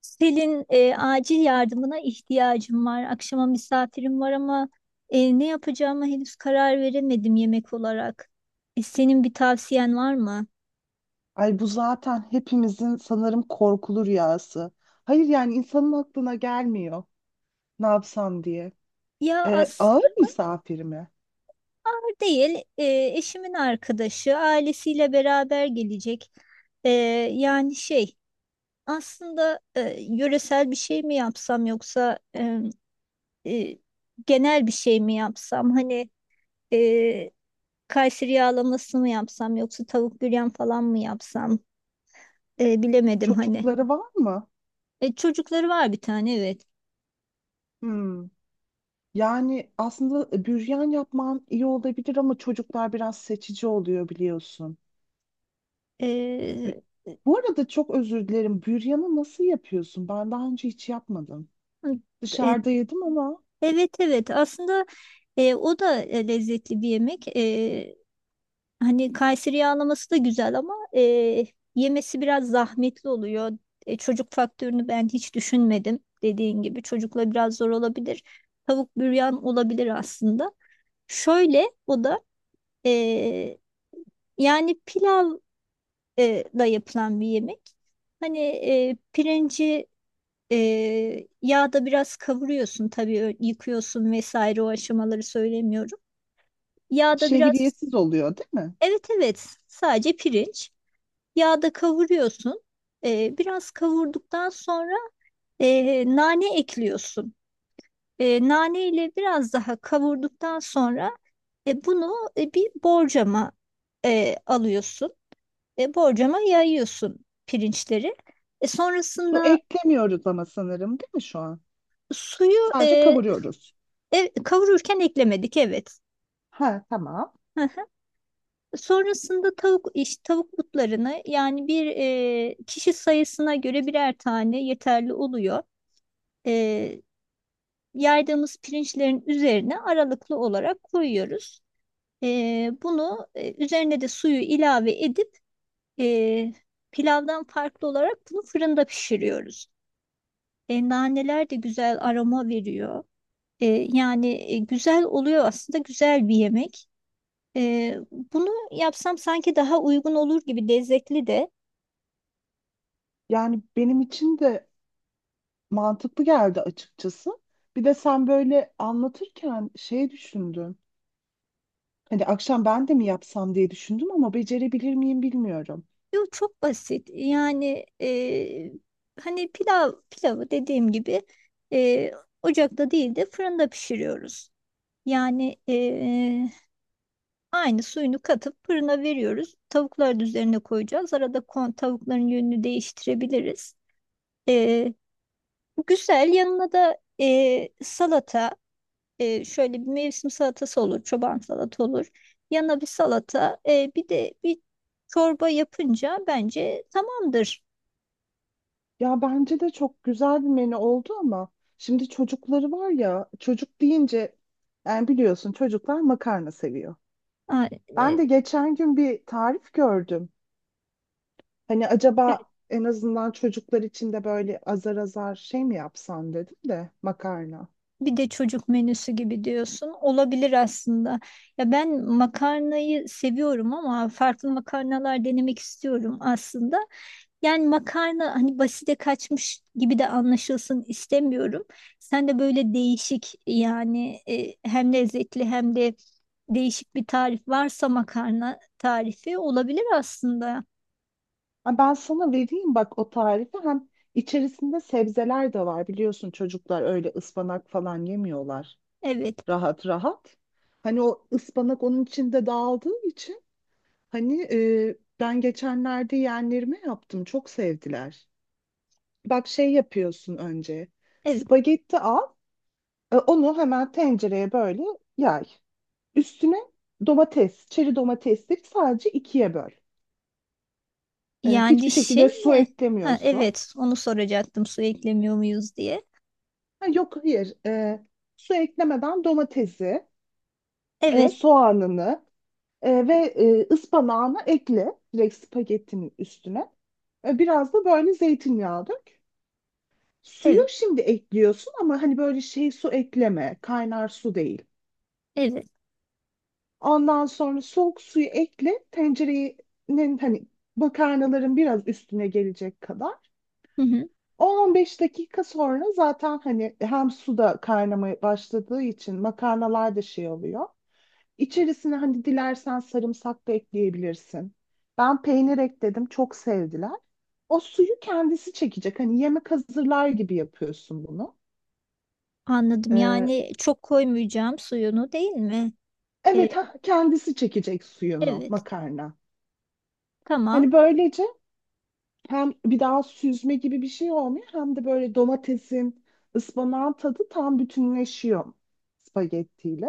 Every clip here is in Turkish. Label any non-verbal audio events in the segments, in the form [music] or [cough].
Selin, acil yardımına ihtiyacım var. Akşama misafirim var ama ne yapacağıma henüz karar veremedim yemek olarak. Senin bir tavsiyen var mı? Ay bu zaten hepimizin sanırım korkulu rüyası. Hayır yani insanın aklına gelmiyor ne yapsam diye. Ya Ağır aslında misafir mi? değil. Eşimin arkadaşı ailesiyle beraber gelecek. E, yani şey aslında, yöresel bir şey mi yapsam yoksa e, genel bir şey mi yapsam? Hani e, Kayseri yağlaması mı yapsam yoksa tavuk büryan falan mı yapsam. Bilemedim hani. Çocukları var mı? Çocukları var, bir tane, evet. Hmm. Yani aslında büryan yapman iyi olabilir ama çocuklar biraz seçici oluyor biliyorsun. Bu E, bu arada çok özür dilerim. Büryanı nasıl yapıyorsun? Ben daha önce hiç yapmadım. e, Dışarıda yedim ama evet, evet, aslında o da lezzetli bir yemek. Hani Kayseri yağlaması da güzel ama yemesi biraz zahmetli oluyor. Çocuk faktörünü ben hiç düşünmedim. Dediğin gibi çocukla biraz zor olabilir. Tavuk büryan olabilir aslında. Şöyle o da e, yani pilav da yapılan bir yemek. Hani pirinci yağda biraz kavuruyorsun tabii, yıkıyorsun vesaire, o aşamaları söylemiyorum. Yağda biraz, şehriyetsiz oluyor değil mi? evet, evet, sadece pirinç. Yağda kavuruyorsun. Biraz kavurduktan sonra nane ekliyorsun. Nane ile biraz daha kavurduktan sonra bunu bir borcama alıyorsun. Borcama yayıyorsun pirinçleri. E, Su sonrasında eklemiyoruz ama sanırım değil mi şu an? suyu Sadece kavuruyoruz. Kavururken eklemedik, evet. Ha, tamam. Hı hı. Sonrasında tavuk butlarını, yani bir kişi sayısına göre birer tane yeterli oluyor. E, yaydığımız pirinçlerin üzerine aralıklı olarak koyuyoruz. Bunu üzerine de suyu ilave edip e, pilavdan farklı olarak bunu fırında pişiriyoruz. Naneler de güzel aroma veriyor. E, yani güzel oluyor aslında, güzel bir yemek. Ee, bunu yapsam sanki daha uygun olur gibi, lezzetli de. Yani benim için de mantıklı geldi açıkçası. Bir de sen böyle anlatırken şey düşündüm. Hani akşam ben de mi yapsam diye düşündüm ama becerebilir miyim bilmiyorum. Yok, çok basit. Yani hani pilav pilavı dediğim gibi e, ocakta değil de fırında pişiriyoruz. Yani aynı suyunu katıp fırına veriyoruz. Tavukların üzerine koyacağız. Arada tavukların yönünü değiştirebiliriz. E, Güzel. Yanına da salata. Şöyle bir mevsim salatası olur, çoban salata olur. Yanına bir salata, bir de bir çorba yapınca bence tamamdır. Ya bence de çok güzel bir menü oldu ama şimdi çocukları var ya, çocuk deyince yani biliyorsun çocuklar makarna seviyor. Ha, Ben de geçen gün bir tarif gördüm. Hani evet, acaba en azından çocuklar için de böyle azar azar şey mi yapsan dedim de, makarna. bir de çocuk menüsü gibi diyorsun. Olabilir aslında. Ya ben makarnayı seviyorum ama farklı makarnalar denemek istiyorum aslında. Yani makarna hani basite kaçmış gibi de anlaşılsın istemiyorum. Sen de böyle değişik yani, hem lezzetli hem de değişik bir tarif varsa makarna tarifi olabilir aslında. Ha, ben sana vereyim bak o tarifi, hem içerisinde sebzeler de var, biliyorsun çocuklar öyle ıspanak falan yemiyorlar Evet, rahat rahat. Hani o ıspanak onun içinde dağıldığı için hani, ben geçenlerde yeğenlerime yaptım, çok sevdiler. Bak şey yapıyorsun, önce evet. spagetti al, onu hemen tencereye böyle yay. Üstüne domates, çeri domatesleri sadece ikiye böl. Yani Hiçbir şey şekilde su mi? Ha, eklemiyorsun. evet, onu soracaktım, su eklemiyor muyuz diye. Ha, yok hayır. Su eklemeden domatesi, Evet, soğanını ve ıspanağını ekle direkt spagettinin üstüne. Biraz da böyle zeytinyağı dök. Suyu evet, şimdi ekliyorsun ama hani böyle şey, su ekleme, kaynar su değil. evet. Ondan sonra soğuk suyu ekle, tencerenin hani makarnaların biraz üstüne gelecek kadar. Hı hı, 10-15 dakika sonra zaten hani hem su da kaynamaya başladığı için makarnalar da şey oluyor. İçerisine hani dilersen sarımsak da ekleyebilirsin. Ben peynir ekledim, çok sevdiler. O suyu kendisi çekecek. Hani yemek hazırlar gibi yapıyorsun bunu. anladım. Ee, Yani çok koymayacağım suyunu, değil mi? E, evet, ha, kendisi çekecek suyunu evet, makarna. tamam. Hani böylece hem bir daha süzme gibi bir şey olmuyor, hem de böyle domatesin, ıspanağın tadı tam bütünleşiyor spagettiyle.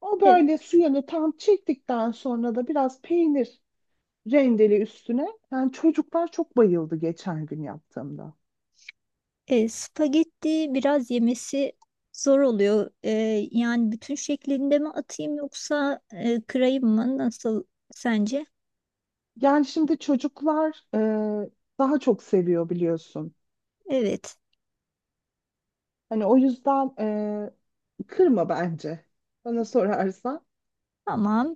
O böyle suyunu tam çektikten sonra da biraz peynir rendeli üstüne. Yani çocuklar çok bayıldı geçen gün yaptığımda. Spagetti biraz yemesi zor oluyor. Yani bütün şeklinde mi atayım yoksa kırayım mı? Nasıl sence? Yani şimdi çocuklar daha çok seviyor biliyorsun. Evet, Hani o yüzden kırma bence. Bana sorarsan. tamam.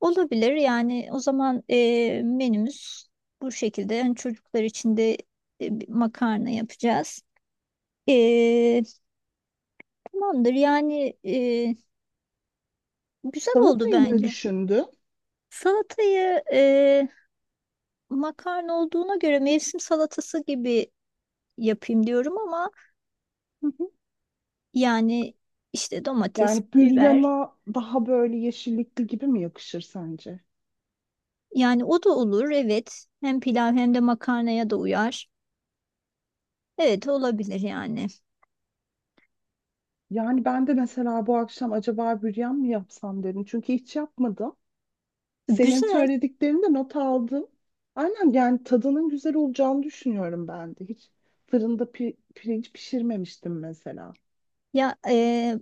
Olabilir. Yani o zaman menümüz bu şekilde. Yani çocuklar için de bir makarna yapacağız. E, tamamdır. Yani güzel oldu Salatayı ne bence. düşündün? Salatayı, makarna olduğuna göre, mevsim salatası gibi yapayım diyorum ama. Hı hı. Yani işte domates, Yani biber. büryana daha böyle yeşillikli gibi mi yakışır sence? Yani o da olur, evet. Hem pilav hem de makarnaya da uyar. Evet, olabilir yani. Yani ben de mesela bu akşam acaba büryan mı yapsam dedim. Çünkü hiç yapmadım. Senin Güzel. söylediklerini de not aldım. Aynen, yani tadının güzel olacağını düşünüyorum ben de. Hiç fırında pirinç pişirmemiştim mesela. Ya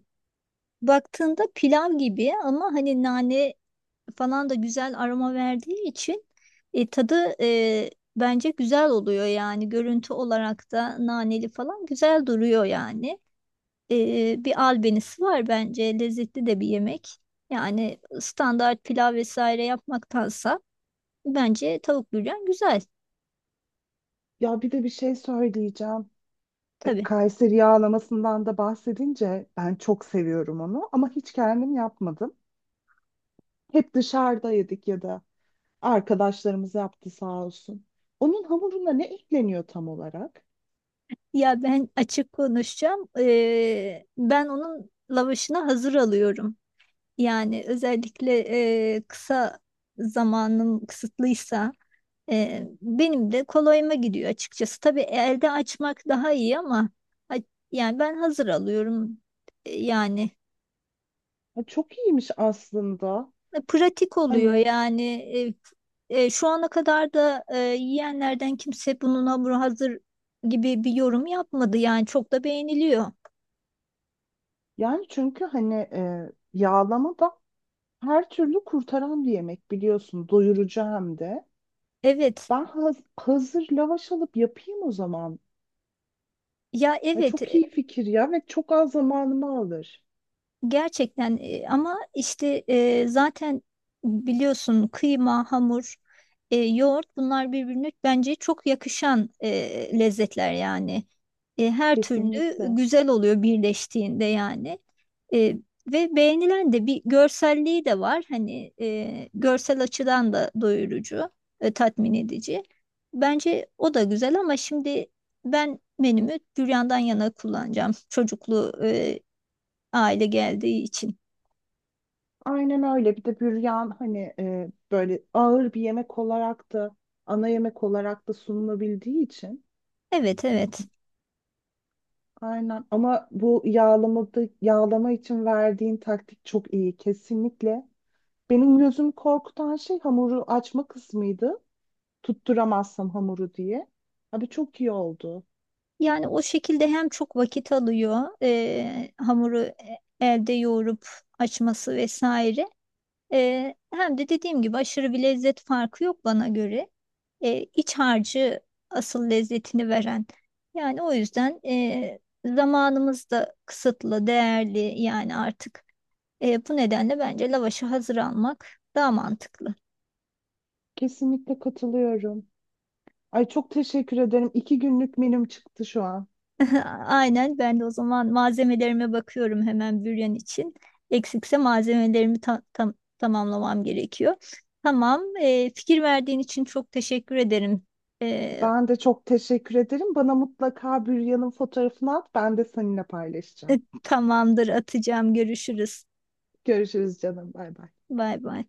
baktığında pilav gibi ama hani nane falan da güzel aroma verdiği için tadı bence güzel oluyor yani. Görüntü olarak da naneli falan güzel duruyor yani. Bir albenisi var bence. Lezzetli de bir yemek. Yani standart pilav vesaire yapmaktansa. Bence tavuk büryan güzel, Ya bir de bir şey söyleyeceğim. E, tabii. Kayseri yağlamasından da bahsedince ben çok seviyorum onu ama hiç kendim yapmadım. Hep dışarıda yedik ya da arkadaşlarımız yaptı sağ olsun. Onun hamuruna ne ekleniyor tam olarak? Ya ben açık konuşacağım. Ben onun lavaşını hazır alıyorum. Yani özellikle kısa zamanım kısıtlıysa benim de kolayıma gidiyor açıkçası. Tabii, elde açmak daha iyi ama a- yani ben hazır alıyorum. Yani Ha, çok iyiymiş aslında. pratik oluyor Hani yani. Şu ana kadar da yiyenlerden kimse bunun hamuru hazır gibi bir yorum yapmadı, yani çok da beğeniliyor. yani çünkü hani yağlama da her türlü kurtaran bir yemek biliyorsun. Doyurucu hem de. Evet, Ben hazır lavaş alıp yapayım o zaman. ya, Ay evet. çok iyi fikir ya, ve çok az zamanımı alır. Gerçekten ama işte zaten biliyorsun kıyma, hamur, yoğurt, bunlar birbirine bence çok yakışan lezzetler yani. Her türlü Kesinlikle. güzel oluyor birleştiğinde yani. E, ve beğenilen de bir görselliği de var. Hani görsel açıdan da doyurucu, tatmin edici. Bence o da güzel ama şimdi ben menümü büryandan yana kullanacağım. Çocuklu aile geldiği için. Aynen öyle. Bir de büryan hani böyle ağır bir yemek olarak da, ana yemek olarak da sunulabildiği için. Evet, evet. Aynen. Ama bu yağlamada, yağlama için verdiğin taktik çok iyi. Kesinlikle. Benim gözüm korkutan şey hamuru açma kısmıydı. Tutturamazsam hamuru diye. Abi çok iyi oldu. Yani o şekilde hem çok vakit alıyor, hamuru elde yoğurup açması vesaire. Hem de dediğim gibi aşırı bir lezzet farkı yok bana göre. E, iç harcı asıl lezzetini veren. Yani o yüzden zamanımız da kısıtlı, değerli yani artık. Bu nedenle bence lavaşı hazır almak daha mantıklı. Kesinlikle katılıyorum. Ay çok teşekkür ederim. İki günlük menüm çıktı şu an. [laughs] Aynen, ben de o zaman malzemelerime bakıyorum hemen büryan için. Eksikse malzemelerimi tamamlamam gerekiyor. Tamam, fikir verdiğin için çok teşekkür ederim. E, Ben de çok teşekkür ederim. Bana mutlaka Büryan'ın fotoğrafını at. Ben de seninle paylaşacağım. [laughs] Tamamdır, atacağım. Görüşürüz. Görüşürüz canım. Bay bay. Bay bay.